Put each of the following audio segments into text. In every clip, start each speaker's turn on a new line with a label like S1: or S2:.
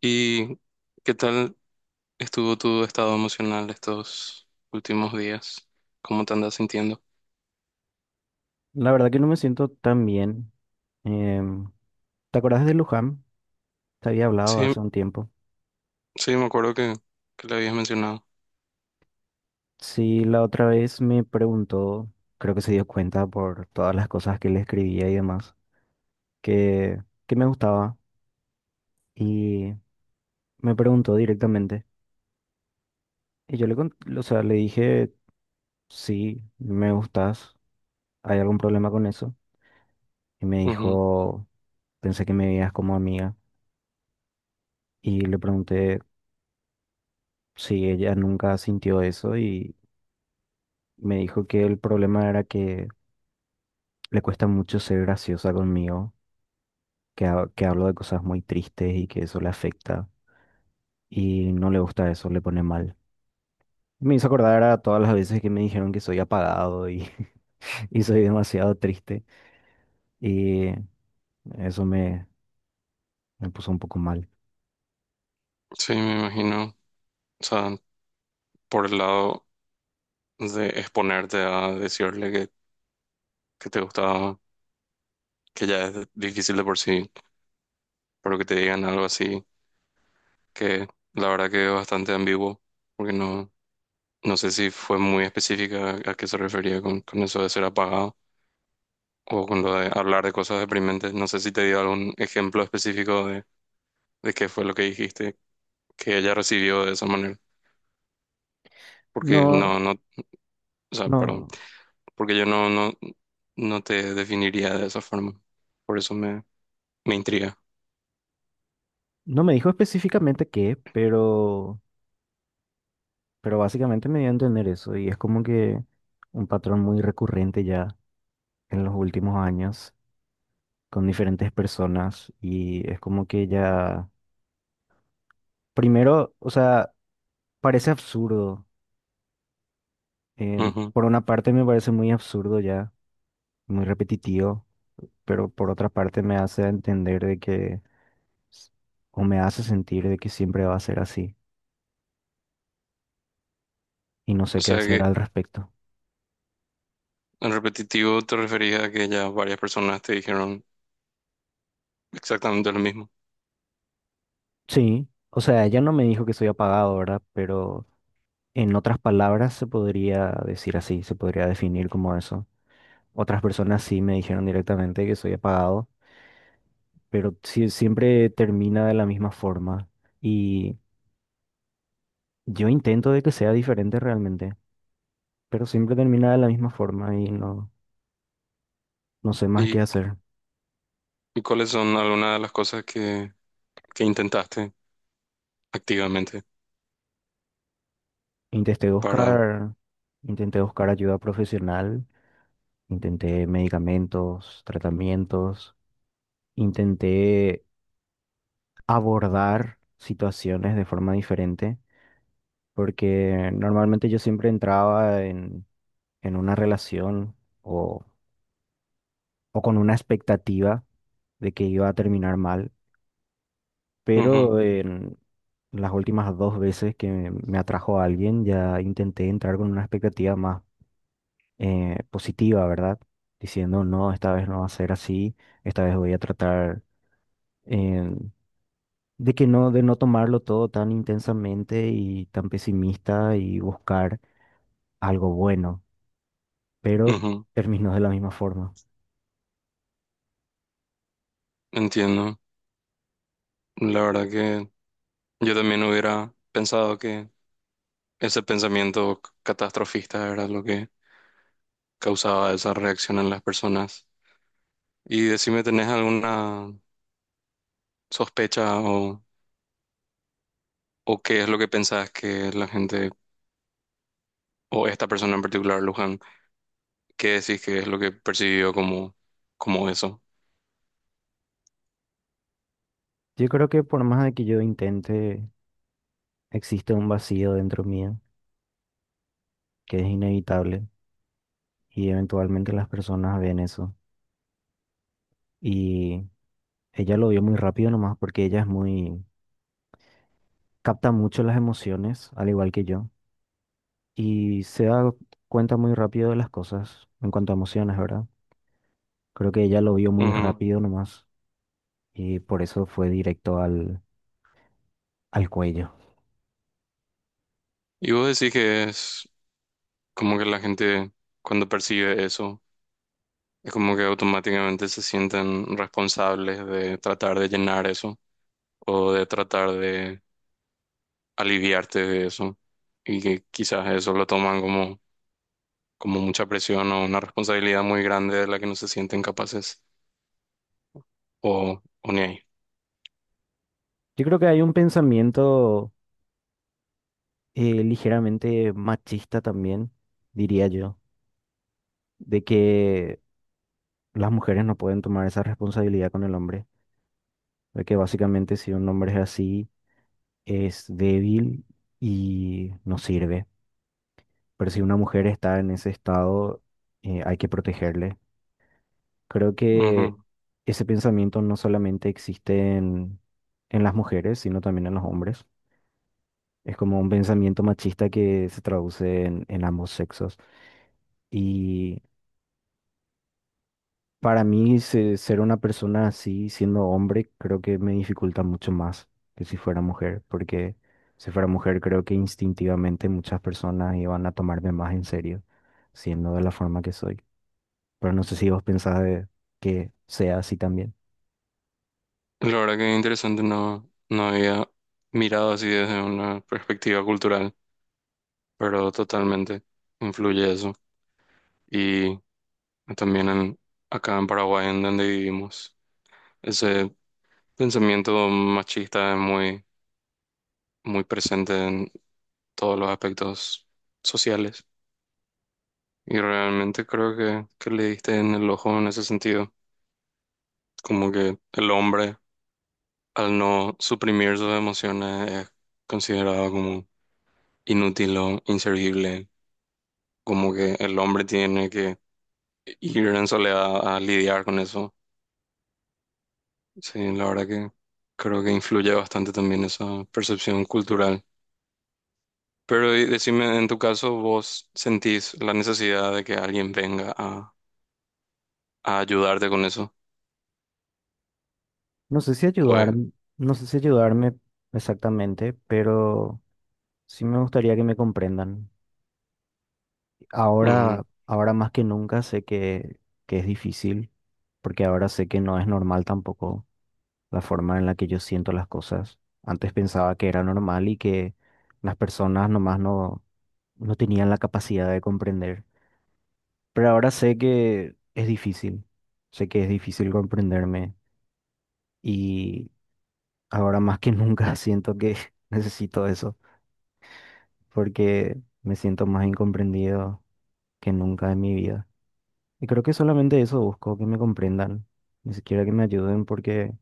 S1: ¿Y qué tal estuvo tu estado emocional estos últimos días? ¿Cómo te andas sintiendo?
S2: La verdad que no me siento tan bien. Em, ¿Te acordás de Luján? Te había hablado
S1: Sí,
S2: hace un tiempo.
S1: sí, me acuerdo que le habías mencionado.
S2: Sí, la otra vez me preguntó, creo que se dio cuenta por todas las cosas que le escribía y demás, que me gustaba y me preguntó directamente. Y yo le, o sea, le dije, sí, me gustas, ¿hay algún problema con eso? Y me
S1: Ujú.
S2: dijo, pensé que me veías como amiga. Y le pregunté si ella nunca sintió eso. Me dijo que el problema era que le cuesta mucho ser graciosa conmigo, que, que hablo de cosas muy tristes y que eso le afecta y no le gusta eso, le pone mal. Me hizo acordar a todas las veces que me dijeron que soy apagado y, y soy demasiado triste y eso me, me puso un poco mal.
S1: Sí, me imagino. O sea, por el lado de exponerte a decirle que te gustaba, que ya es difícil de por sí, pero que te digan algo así, que la verdad que es bastante ambiguo, porque no sé si fue muy específica a qué se refería con eso de ser apagado, o con lo de hablar de cosas deprimentes. No sé si te dio algún ejemplo específico de qué fue lo que dijiste que ella recibió de esa manera. Porque
S2: No,
S1: no, no, o sea, Perdón,
S2: no,
S1: porque yo no te definiría de esa forma. Por eso me intriga.
S2: no me dijo específicamente qué, pero básicamente me dio a entender eso y es como que un patrón muy recurrente ya en los últimos años, con diferentes personas. Y es como que ya, primero, o sea, parece absurdo.
S1: Ujú.
S2: Por una parte me parece muy absurdo ya, muy repetitivo, pero por otra parte me hace entender de que, s- o me hace sentir de que siempre va a ser así y no sé
S1: O
S2: qué
S1: sea
S2: hacer al
S1: que
S2: respecto.
S1: en repetitivo te refería a que ya varias personas te dijeron exactamente lo mismo.
S2: Sí, o sea, ella no me dijo que soy apagado, ¿verdad? Pero en otras palabras se podría decir así, se podría definir como eso. Otras personas sí me dijeron directamente que soy apagado, pero siempre termina de la misma forma. Y yo intento de que sea diferente realmente, pero siempre termina de la misma forma y no, no sé más qué
S1: ¿Y,
S2: hacer.
S1: y cuáles son algunas de las cosas que intentaste activamente
S2: Intenté
S1: para...
S2: buscar, intenté buscar ayuda profesional, intenté medicamentos, tratamientos, intenté abordar situaciones de forma diferente, porque normalmente yo siempre entraba en una relación o o con una expectativa de que iba a terminar mal,
S1: Ujú,
S2: pero en las últimas dos veces que me atrajo a alguien ya intenté entrar con una expectativa más positiva, ¿verdad? Diciendo, no, esta vez no va a ser así, esta vez voy a tratar eh, de que no, de no tomarlo todo tan intensamente y tan pesimista y buscar algo bueno, pero
S1: ujú.
S2: terminó de la misma forma.
S1: Entiendo. La verdad que... Yo también hubiera pensado que ese pensamiento catastrofista era lo que causaba esa reacción en las personas. Y decime, ¿tenés alguna sospecha o qué es lo que pensás que la gente, o esta persona en particular, Luján, qué decís que es lo que percibió como, como eso?
S2: Yo creo que por más de que yo intente, existe un vacío dentro mío que es inevitable y eventualmente las personas ven eso. Y ella lo vio muy rápido nomás porque ella es muy, capta mucho las emociones, al igual que yo, y se da cuenta muy rápido de las cosas en cuanto a emociones, ¿verdad? Creo que ella lo vio muy
S1: Ujú.
S2: rápido nomás y por eso fue directo al cuello.
S1: Y vos decís que es como que la gente cuando percibe eso, es como que automáticamente se sienten responsables de tratar de llenar eso o de tratar de aliviarte de eso y que quizás eso lo toman como, como mucha presión o una responsabilidad muy grande de la que no se sienten capaces o ni ahí.
S2: Yo creo que hay un pensamiento ligeramente machista también, diría yo, de que las mujeres no pueden tomar esa responsabilidad con el hombre. De que básicamente si un hombre es así, es débil y no sirve. Pero si una mujer está en ese estado, hay que protegerle. Creo que
S1: Ujú.
S2: ese pensamiento no solamente existe en las mujeres, sino también en los hombres. Es como un pensamiento machista que se traduce en ambos sexos. Y Para mí, ser una persona así, siendo hombre, creo que me dificulta mucho más que si fuera mujer, porque si fuera mujer, creo que instintivamente muchas personas iban a tomarme más en serio, siendo de la forma que soy. Pero no sé si vos pensás de que sea así también.
S1: La verdad que es interesante, no había mirado así desde una perspectiva cultural, pero totalmente influye eso. Y también en, acá en Paraguay, en donde vivimos, ese pensamiento machista es muy, muy presente en todos los aspectos sociales. Y realmente creo que le diste en el ojo en ese sentido. Como que el hombre, al no suprimir sus emociones, es considerado como inútil o inservible. Como que el hombre tiene que ir en soledad a lidiar con eso. Sí, la verdad que creo que influye bastante también esa percepción cultural. Pero y decime, en tu caso, ¿vos sentís la necesidad de que alguien venga a ayudarte con eso?
S2: No sé si ayudar,
S1: Pues,
S2: no sé si ayudarme exactamente, pero sí me gustaría que me comprendan.
S1: ujú,
S2: Ahora, ahora más que nunca sé que es difícil, porque ahora sé que no es normal tampoco la forma en la que yo siento las cosas. Antes pensaba que era normal y que las personas nomás no, no tenían la capacidad de comprender. Pero ahora sé que es difícil, sé que es difícil comprenderme y ahora más que nunca siento que necesito eso, porque me siento más incomprendido que nunca en mi vida. Y creo que solamente eso busco, que me comprendan, ni siquiera que me ayuden porque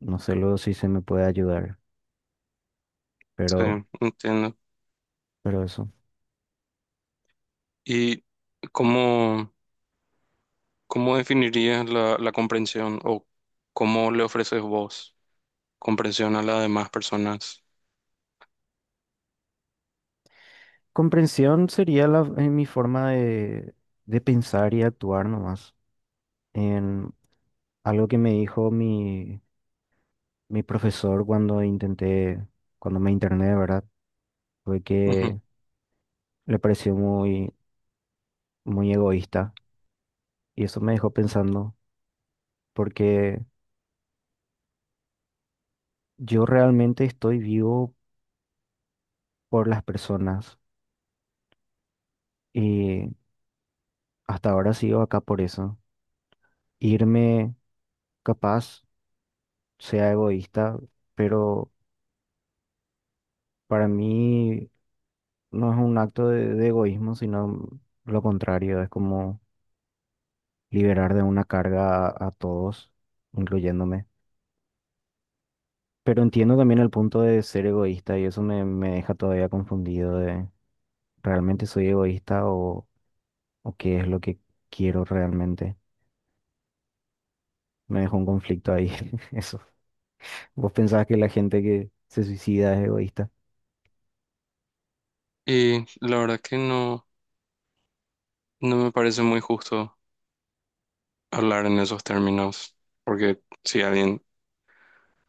S2: no sé luego si se me puede ayudar,
S1: sí,
S2: pero,
S1: entiendo.
S2: pero eso.
S1: ¿Y cómo, cómo definirías la comprensión o cómo le ofreces vos comprensión a las demás personas?
S2: Comprensión sería mi forma de pensar y actuar nomás. En algo que me dijo mi profesor cuando intenté, cuando me interné, ¿verdad? Fue
S1: Ujú.
S2: que le pareció muy, muy egoísta y eso me dejó pensando porque yo realmente estoy vivo por las personas y hasta ahora sigo acá por eso. Irme capaz sea egoísta, pero para mí no es un acto de egoísmo, sino lo contrario, es como liberar de una carga a todos, incluyéndome. Pero entiendo también el punto de ser egoísta y eso me deja todavía confundido de ¿realmente soy egoísta o qué es lo que quiero realmente? Me dejó un conflicto ahí, eso. ¿Vos pensás que la gente que se suicida es egoísta?
S1: Y la verdad que no me parece muy justo hablar en esos términos, porque si alguien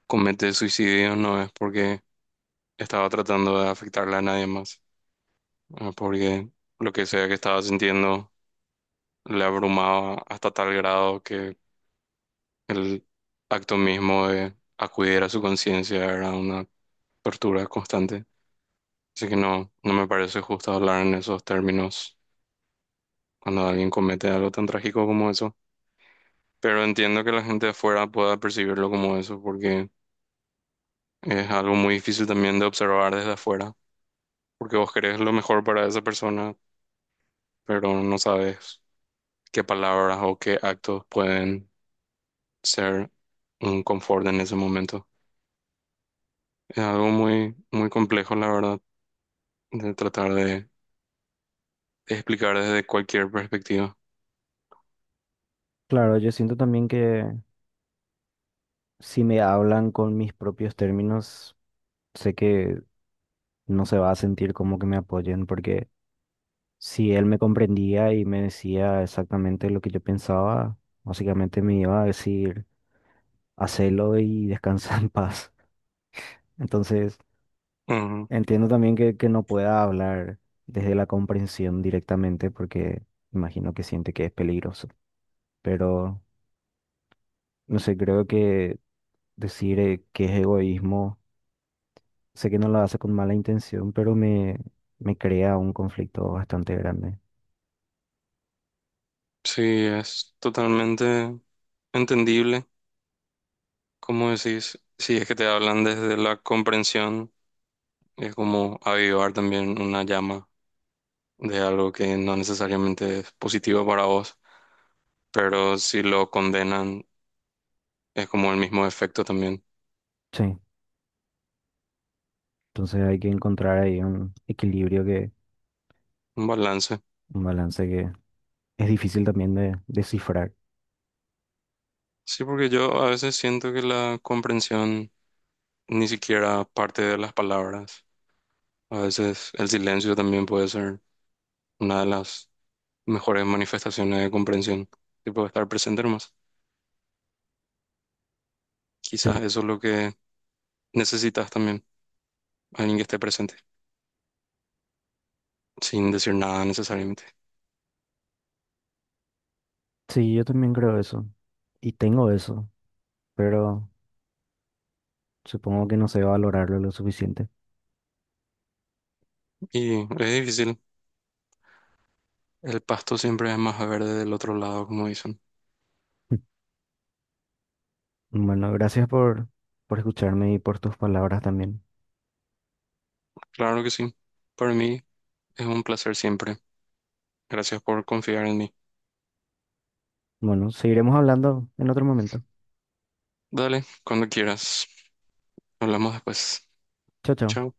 S1: comete suicidio no es porque estaba tratando de afectarle a nadie más, porque lo que sea que estaba sintiendo le abrumaba hasta tal grado que el acto mismo de acudir a su conciencia era una tortura constante. Así que no me parece justo hablar en esos términos cuando alguien comete algo tan trágico como eso. Pero entiendo que la gente de afuera pueda percibirlo como eso, porque es algo muy difícil también de observar desde afuera, porque vos querés lo mejor para esa persona, pero no sabes qué palabras o qué actos pueden ser un confort en ese momento. Es algo muy, muy complejo, la verdad, de tratar de explicar desde cualquier perspectiva.
S2: Claro, yo siento también que si me hablan con mis propios términos, sé que no se va a sentir como que me apoyen porque si él me comprendía y me decía exactamente lo que yo pensaba, básicamente me iba a decir, hacelo y descansa en paz. Entonces,
S1: Ujú.
S2: entiendo también que no pueda hablar desde la comprensión directamente porque imagino que siente que es peligroso. Pero, no sé, creo que decir que es egoísmo, sé que no lo hace con mala intención, pero me crea un conflicto bastante grande.
S1: Sí, es totalmente entendible. Como decís, si es que te hablan desde la comprensión, es como avivar también una llama de algo que no necesariamente es positivo para vos, pero si lo condenan, es como el mismo efecto también,
S2: Sí, entonces hay que encontrar ahí un equilibrio que,
S1: un balance.
S2: un balance que es difícil también de descifrar.
S1: Sí, porque yo a veces siento que la comprensión ni siquiera parte de las palabras. A veces el silencio también puede ser una de las mejores manifestaciones de comprensión, tipo estar presente nomás.
S2: Sí,
S1: Quizás eso es lo que necesitas también, alguien que esté presente, sin decir nada necesariamente.
S2: sí, yo también creo eso. Y tengo eso, pero supongo que no sé valorarlo lo suficiente.
S1: Y es difícil, el pasto siempre es más verde del otro lado, como dicen.
S2: Bueno, gracias por escucharme y por tus palabras también.
S1: Claro que sí, para mí es un placer siempre. Gracias por confiar en mí.
S2: Bueno, seguiremos hablando en otro momento.
S1: Dale, cuando quieras. Hablamos después.
S2: Chao, chao.
S1: Chao.